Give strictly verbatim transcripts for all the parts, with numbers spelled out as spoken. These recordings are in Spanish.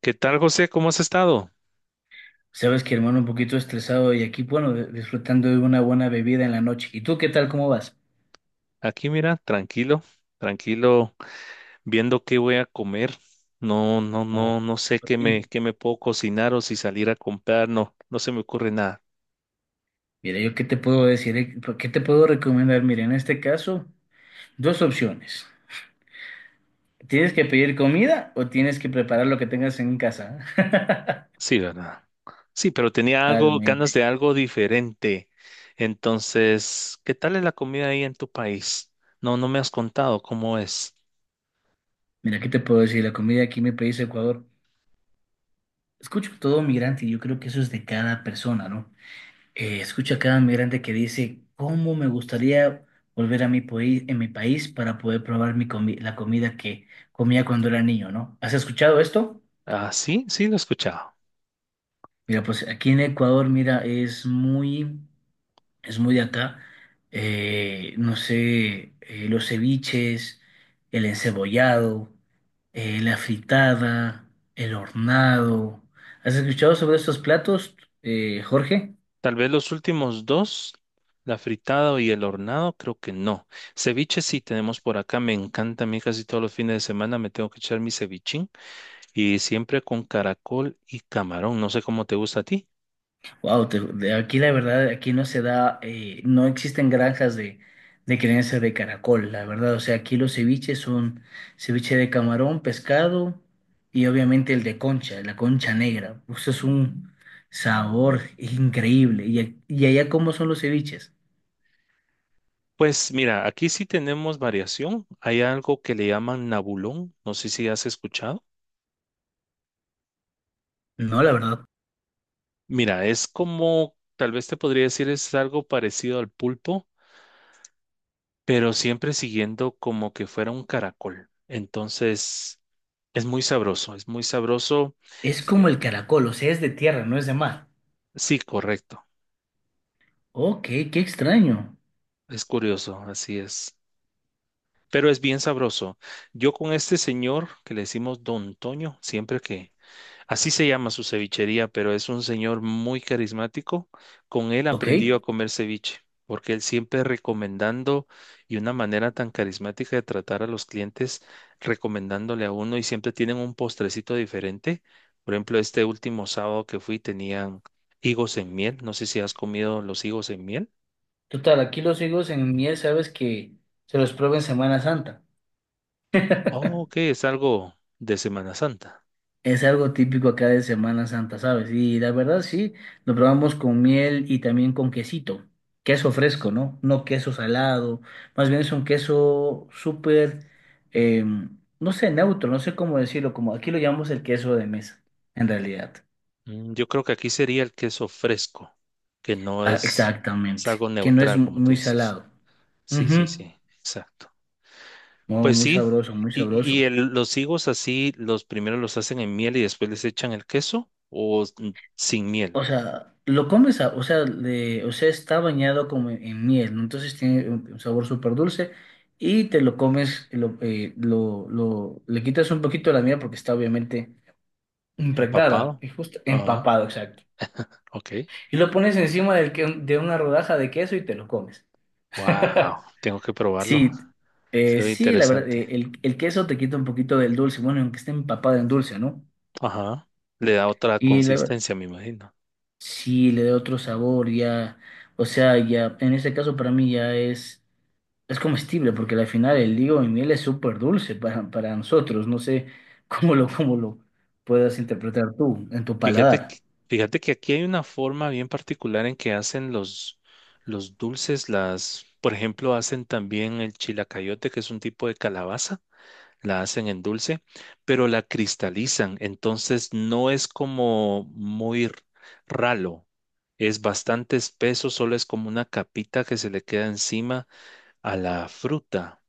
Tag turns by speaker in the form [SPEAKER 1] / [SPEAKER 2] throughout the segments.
[SPEAKER 1] ¿Qué tal, José? ¿Cómo has estado?
[SPEAKER 2] Sabes que hermano, un poquito estresado y aquí, bueno, de- disfrutando de una buena bebida en la noche. ¿Y tú qué tal? ¿Cómo vas?
[SPEAKER 1] Aquí, mira, tranquilo, tranquilo, viendo qué voy a comer. No, no,
[SPEAKER 2] No,
[SPEAKER 1] no, no sé
[SPEAKER 2] súper
[SPEAKER 1] qué me,
[SPEAKER 2] bien.
[SPEAKER 1] qué me puedo cocinar o si salir a comprar. No, no se me ocurre nada.
[SPEAKER 2] Mira, yo qué te puedo decir. Eh, qué te puedo recomendar. Mira, en este caso, dos opciones. ¿Tienes que pedir comida o tienes que preparar lo que tengas en casa?
[SPEAKER 1] Sí, ¿verdad? Sí, pero tenía algo,
[SPEAKER 2] Totalmente.
[SPEAKER 1] ganas de algo diferente. Entonces, ¿qué tal es la comida ahí en tu país? No, no me has contado cómo es.
[SPEAKER 2] Mira, ¿qué te puedo decir? La comida aquí en mi país, Ecuador, escucho todo migrante y yo creo que eso es de cada persona, ¿no? Eh, escucho a cada migrante que dice, ¿cómo me gustaría volver a mi país, en mi país para poder probar mi comi- la comida que comía cuando era niño, ¿no? ¿Has escuchado esto?
[SPEAKER 1] Ah, sí, sí, lo he escuchado.
[SPEAKER 2] Mira, pues aquí en Ecuador, mira, es muy, es muy de acá, eh, no sé, eh, los ceviches, el encebollado, eh, la fritada, el hornado. ¿Has escuchado sobre estos platos, eh, Jorge?
[SPEAKER 1] Tal vez los últimos dos, la fritada y el hornado, creo que no. Ceviche sí tenemos por acá, me encanta. A mí casi todos los fines de semana me tengo que echar mi cevichín y siempre con caracol y camarón, no sé cómo te gusta a ti.
[SPEAKER 2] Wow, de aquí la verdad, aquí no se da, eh, no existen granjas de, de crianza de caracol, la verdad. O sea, aquí los ceviches son ceviche de camarón, pescado y obviamente el de concha, la concha negra. Eso es un sabor increíble. ¿Y, a- y allá cómo son los ceviches?
[SPEAKER 1] Pues mira, aquí sí tenemos variación, hay algo que le llaman nabulón, no sé si has escuchado.
[SPEAKER 2] No, la verdad.
[SPEAKER 1] Mira, es como, tal vez te podría decir, es algo parecido al pulpo, pero siempre siguiendo como que fuera un caracol. Entonces, es muy sabroso, es muy sabroso.
[SPEAKER 2] Es
[SPEAKER 1] Eh,
[SPEAKER 2] como el caracol, o sea, es de tierra, no es de mar.
[SPEAKER 1] Sí, correcto.
[SPEAKER 2] Ok, qué extraño.
[SPEAKER 1] Es curioso, así es. Pero es bien sabroso. Yo con este señor que le decimos Don Toño, siempre que, así se llama su cevichería, pero es un señor muy carismático. Con él
[SPEAKER 2] Ok.
[SPEAKER 1] aprendí yo a comer ceviche, porque él siempre recomendando y una manera tan carismática de tratar a los clientes, recomendándole a uno y siempre tienen un postrecito diferente. Por ejemplo, este último sábado que fui tenían higos en miel. No sé si has comido los higos en miel.
[SPEAKER 2] Total, aquí los higos en miel, sabes que se los prueba en Semana Santa.
[SPEAKER 1] Oh, ok, es algo de Semana Santa.
[SPEAKER 2] Es algo típico acá de Semana Santa, ¿sabes? Y la verdad sí, lo probamos con miel y también con quesito, queso fresco, ¿no? No queso salado, más bien es un queso súper, eh, no sé, neutro, no sé cómo decirlo, como aquí lo llamamos el queso de mesa, en realidad.
[SPEAKER 1] Mm, yo creo que aquí sería el queso fresco, que no
[SPEAKER 2] Ah,
[SPEAKER 1] es, es
[SPEAKER 2] exactamente,
[SPEAKER 1] algo
[SPEAKER 2] que no es
[SPEAKER 1] neutral,
[SPEAKER 2] mu-
[SPEAKER 1] como tú
[SPEAKER 2] muy
[SPEAKER 1] dices.
[SPEAKER 2] salado.
[SPEAKER 1] Sí, sí,
[SPEAKER 2] Ujú.
[SPEAKER 1] sí, exacto.
[SPEAKER 2] No,
[SPEAKER 1] Pues
[SPEAKER 2] muy
[SPEAKER 1] sí,
[SPEAKER 2] sabroso, muy
[SPEAKER 1] y,
[SPEAKER 2] sabroso.
[SPEAKER 1] y el- los higos así, los primero los hacen en miel y después les echan el queso o s- sin miel,
[SPEAKER 2] O sea, lo comes, a- o sea, de- o sea, está bañado como en, en miel, ¿no? Entonces tiene un, un sabor súper dulce y te lo comes, lo, eh, lo, lo- le quitas un poquito la miel porque está obviamente impregnada,
[SPEAKER 1] empapado.
[SPEAKER 2] y justo
[SPEAKER 1] Ajá,
[SPEAKER 2] empapado, exacto.
[SPEAKER 1] ok.
[SPEAKER 2] Y lo pones encima del que, de una rodaja de queso y te lo comes.
[SPEAKER 1] Wow, tengo que probarlo.
[SPEAKER 2] Sí,
[SPEAKER 1] Se
[SPEAKER 2] eh,
[SPEAKER 1] ve
[SPEAKER 2] sí, la verdad,
[SPEAKER 1] interesante.
[SPEAKER 2] eh, el, el queso te quita un poquito del dulce, bueno, aunque esté empapado en dulce, ¿no?
[SPEAKER 1] Ajá, le da otra
[SPEAKER 2] Y la,
[SPEAKER 1] consistencia, me imagino.
[SPEAKER 2] Sí, le da otro sabor, ya, o sea, ya, en este caso para mí ya es, es comestible, porque al final el higo y miel es súper dulce para, para nosotros, no sé cómo lo, cómo lo puedas interpretar tú en tu
[SPEAKER 1] Fíjate, que-
[SPEAKER 2] paladar.
[SPEAKER 1] fíjate que aquí hay una forma bien particular en que hacen los, los dulces, las, por ejemplo, hacen también el chilacayote, que es un tipo de calabaza, la hacen en dulce, pero la cristalizan, entonces no es como muy ralo, es bastante espeso, solo es como una capita que se le queda encima a la fruta.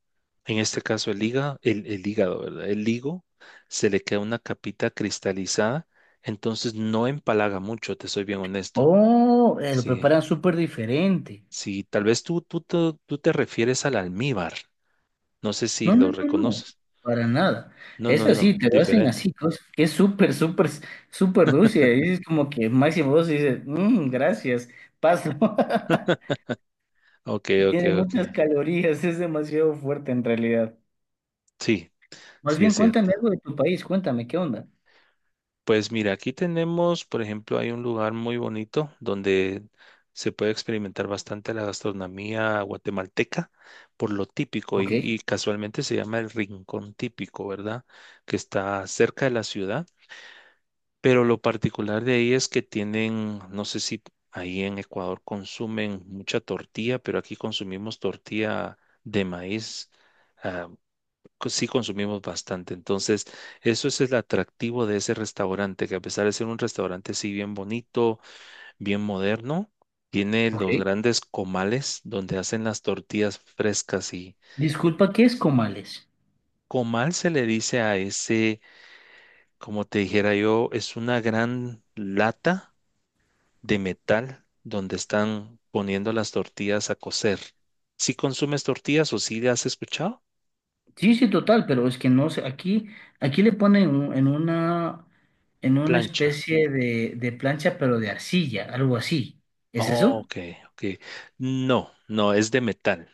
[SPEAKER 1] En este caso el
[SPEAKER 2] ¿Sí?
[SPEAKER 1] hígado, el, el hígado, ¿verdad? El higo se le queda una capita cristalizada, entonces no empalaga mucho, te soy bien honesto.
[SPEAKER 2] Oh, eh, lo
[SPEAKER 1] Sí,
[SPEAKER 2] preparan súper diferente.
[SPEAKER 1] sí, tal vez tú, tú, te- tú te refieres al almíbar, no sé si
[SPEAKER 2] No, no,
[SPEAKER 1] lo
[SPEAKER 2] no, no,
[SPEAKER 1] reconoces.
[SPEAKER 2] para nada.
[SPEAKER 1] No,
[SPEAKER 2] Es
[SPEAKER 1] no,
[SPEAKER 2] así,
[SPEAKER 1] no,
[SPEAKER 2] te lo hacen
[SPEAKER 1] diferente.
[SPEAKER 2] así, cos- que es súper, súper, súper dulce, y dices como que máximo vos dices, "Mm, gracias, paso."
[SPEAKER 1] Ok, ok,
[SPEAKER 2] Tiene
[SPEAKER 1] ok.
[SPEAKER 2] muchas calorías, es demasiado fuerte en realidad.
[SPEAKER 1] Sí,
[SPEAKER 2] Más
[SPEAKER 1] sí es
[SPEAKER 2] bien,
[SPEAKER 1] cierto.
[SPEAKER 2] cuéntame algo de tu país, cuéntame, ¿qué onda?
[SPEAKER 1] Pues mira, aquí tenemos, por ejemplo, hay un lugar muy bonito donde se puede experimentar bastante la gastronomía guatemalteca por lo típico y,
[SPEAKER 2] Ok,
[SPEAKER 1] y casualmente se llama el Rincón Típico, ¿verdad? Que está cerca de la ciudad, pero lo particular de ahí es que tienen, no sé si ahí en Ecuador consumen mucha tortilla, pero aquí consumimos tortilla de maíz. Ah, co- sí consumimos bastante. Entonces, eso es el atractivo de ese restaurante, que a pesar de ser un restaurante sí bien bonito, bien moderno, tiene los
[SPEAKER 2] ok.
[SPEAKER 1] grandes comales donde hacen las tortillas frescas. Y
[SPEAKER 2] Disculpa, ¿qué es comales?
[SPEAKER 1] comal se le dice a ese, como te dijera yo, es una gran lata de metal donde están poniendo las tortillas a cocer. ¿Si consumes tortillas o si le has escuchado?
[SPEAKER 2] Sí, sí, total, pero es que no sé, aquí, aquí le ponen un- en una, en una
[SPEAKER 1] Plancha.
[SPEAKER 2] especie de, de plancha, pero de arcilla, algo así. ¿Es
[SPEAKER 1] Oh,
[SPEAKER 2] eso?
[SPEAKER 1] ok, ok. No, no, es de metal.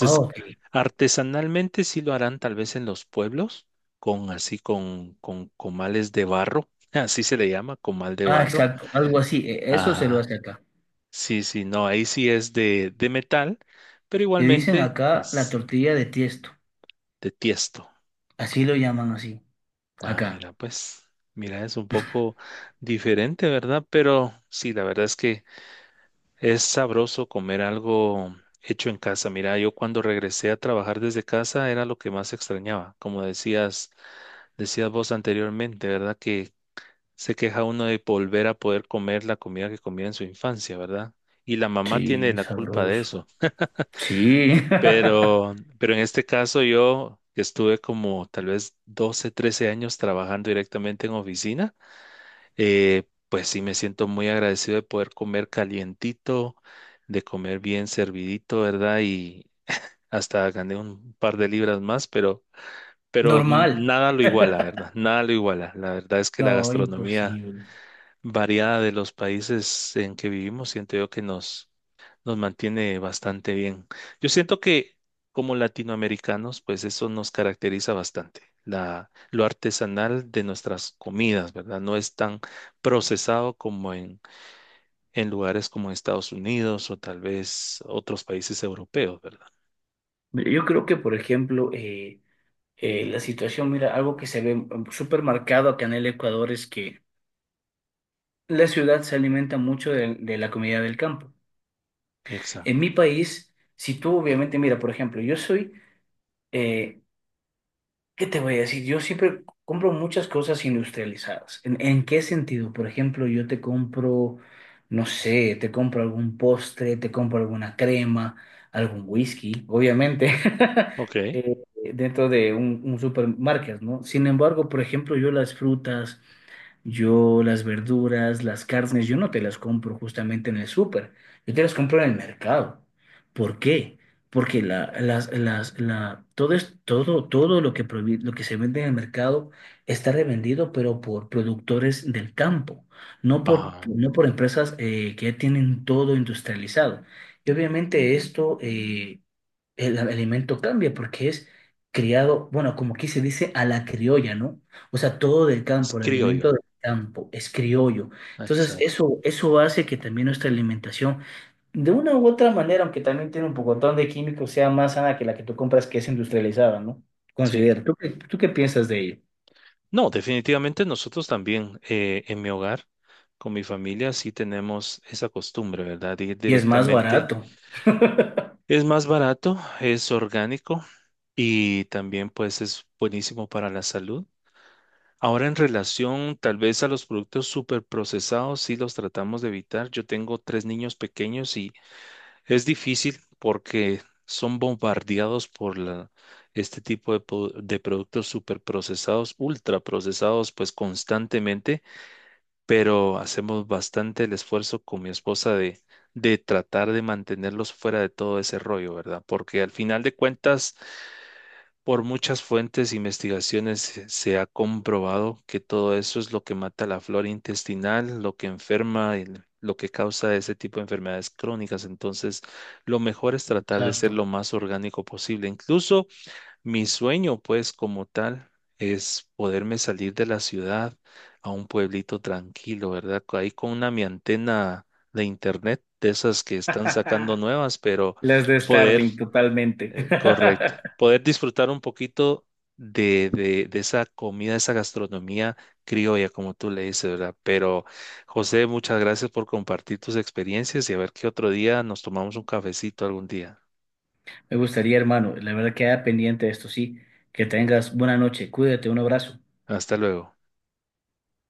[SPEAKER 2] Ah, ok.
[SPEAKER 1] artesanalmente sí lo harán tal vez en los pueblos, con así con, con comales de barro, así se le llama, comal de
[SPEAKER 2] Ah,
[SPEAKER 1] barro.
[SPEAKER 2] exacto, algo así, e- eso se lo
[SPEAKER 1] Ajá.
[SPEAKER 2] hace acá.
[SPEAKER 1] Sí, sí, no, ahí sí es de, de metal, pero
[SPEAKER 2] Le dicen
[SPEAKER 1] igualmente,
[SPEAKER 2] acá la
[SPEAKER 1] pues,
[SPEAKER 2] tortilla de tiesto,
[SPEAKER 1] de tiesto.
[SPEAKER 2] así lo llaman así,
[SPEAKER 1] Ah,
[SPEAKER 2] acá.
[SPEAKER 1] mira, pues, mira, es un poco diferente, ¿verdad? Pero sí, la verdad es que es sabroso comer algo hecho en casa. Mira, yo cuando regresé a trabajar desde casa era lo que más extrañaba, como decías decías vos anteriormente, ¿verdad? Que se queja uno de volver a poder comer la comida que comía en su infancia, ¿verdad? Y la mamá tiene
[SPEAKER 2] Sí,
[SPEAKER 1] la culpa de
[SPEAKER 2] sabroso.
[SPEAKER 1] eso.
[SPEAKER 2] Sí.
[SPEAKER 1] Pero, pero en este caso yo que estuve como tal vez doce trece años trabajando directamente en oficina, eh, pues sí me siento muy agradecido de poder comer calientito, de comer bien servidito, ¿verdad? Y hasta gané un par de libras más, pero pero n-
[SPEAKER 2] Normal.
[SPEAKER 1] nada lo iguala, ¿verdad? Nada lo iguala. La verdad es que la
[SPEAKER 2] No,
[SPEAKER 1] gastronomía
[SPEAKER 2] imposible.
[SPEAKER 1] variada de los países en que vivimos, siento yo que nos, nos mantiene bastante bien. Yo siento que como latinoamericanos, pues eso nos caracteriza bastante. La, lo artesanal de nuestras comidas, ¿verdad? No es tan procesado como en, en lugares como Estados Unidos o tal vez otros países europeos, ¿verdad?
[SPEAKER 2] Mira, yo creo que, por ejemplo, eh, eh, la situación, mira, algo que se ve mm, súper marcado acá en el Ecuador es que la ciudad se alimenta mucho de, de la comida del campo. En
[SPEAKER 1] Exacto.
[SPEAKER 2] mi país, si tú obviamente, mira, por ejemplo, yo soy, eh, ¿qué te voy a decir? Yo siempre compro muchas cosas industrializadas. ¿En, en qué sentido? Por ejemplo, yo te compro, no sé, te compro algún postre, te compro alguna crema, algún whisky, obviamente,
[SPEAKER 1] Ok.
[SPEAKER 2] eh, dentro de un, un supermarket, ¿no? Sin embargo, por ejemplo, yo las frutas. Yo las verduras, las carnes, yo no te las compro justamente en el súper, yo te las compro en el mercado. ¿Por qué? Porque la, las, las, la, todo, es, todo, todo lo que, provi- lo que se vende en el mercado está revendido, pero por productores del campo, no por,
[SPEAKER 1] Ajá.
[SPEAKER 2] no por empresas eh, que ya tienen todo industrializado. Y obviamente esto, eh, el alimento cambia porque es criado, bueno, como aquí se dice, a la criolla, ¿no? O sea, todo del
[SPEAKER 1] Es
[SPEAKER 2] campo, el alimento
[SPEAKER 1] criollo.
[SPEAKER 2] campo, es criollo. Entonces,
[SPEAKER 1] Exacto.
[SPEAKER 2] eso, eso hace que también nuestra alimentación, de una u otra manera, aunque también tiene un pocotón de químicos, sea más sana que la que tú compras, que es industrializada, ¿no?
[SPEAKER 1] Sí.
[SPEAKER 2] Considero, ¿tú qué, tú qué piensas de ello?
[SPEAKER 1] No, definitivamente nosotros también eh, en mi hogar, con mi familia, sí tenemos esa costumbre, ¿verdad? De ir
[SPEAKER 2] Y es más
[SPEAKER 1] directamente.
[SPEAKER 2] barato.
[SPEAKER 1] Es más barato, es orgánico y también pues es buenísimo para la salud. Ahora en relación tal vez a los productos super procesados, sí los tratamos de evitar. Yo tengo tres niños pequeños y es difícil porque son bombardeados por la, este tipo de, po- de productos super procesados, ultra procesados pues constantemente, pero hacemos bastante el esfuerzo con mi esposa de, de tratar de mantenerlos fuera de todo ese rollo, ¿verdad? Porque al final de cuentas, por muchas fuentes e investigaciones se se ha comprobado que todo eso es lo que mata la flora intestinal, lo que enferma, el- lo que causa ese tipo de enfermedades crónicas. Entonces, lo mejor es tratar de ser
[SPEAKER 2] Exacto.
[SPEAKER 1] lo más orgánico posible. Incluso mi sueño, pues, como tal, es poderme salir de la ciudad a un pueblito tranquilo, ¿verdad? Co- Ahí con una mi antena de internet, de esas que están sacando nuevas, pero
[SPEAKER 2] Las de
[SPEAKER 1] poder,
[SPEAKER 2] Starlink, totalmente.
[SPEAKER 1] eh, correcto, poder disfrutar un poquito de, de, de esa comida, esa gastronomía criolla, como tú le dices, ¿verdad? Pero, José, muchas gracias por compartir tus experiencias y a ver qué otro día nos tomamos un cafecito algún día.
[SPEAKER 2] Me gustaría, hermano, la verdad queda pendiente de esto, sí. Que tengas buena noche, cuídate, un abrazo.
[SPEAKER 1] Hasta luego.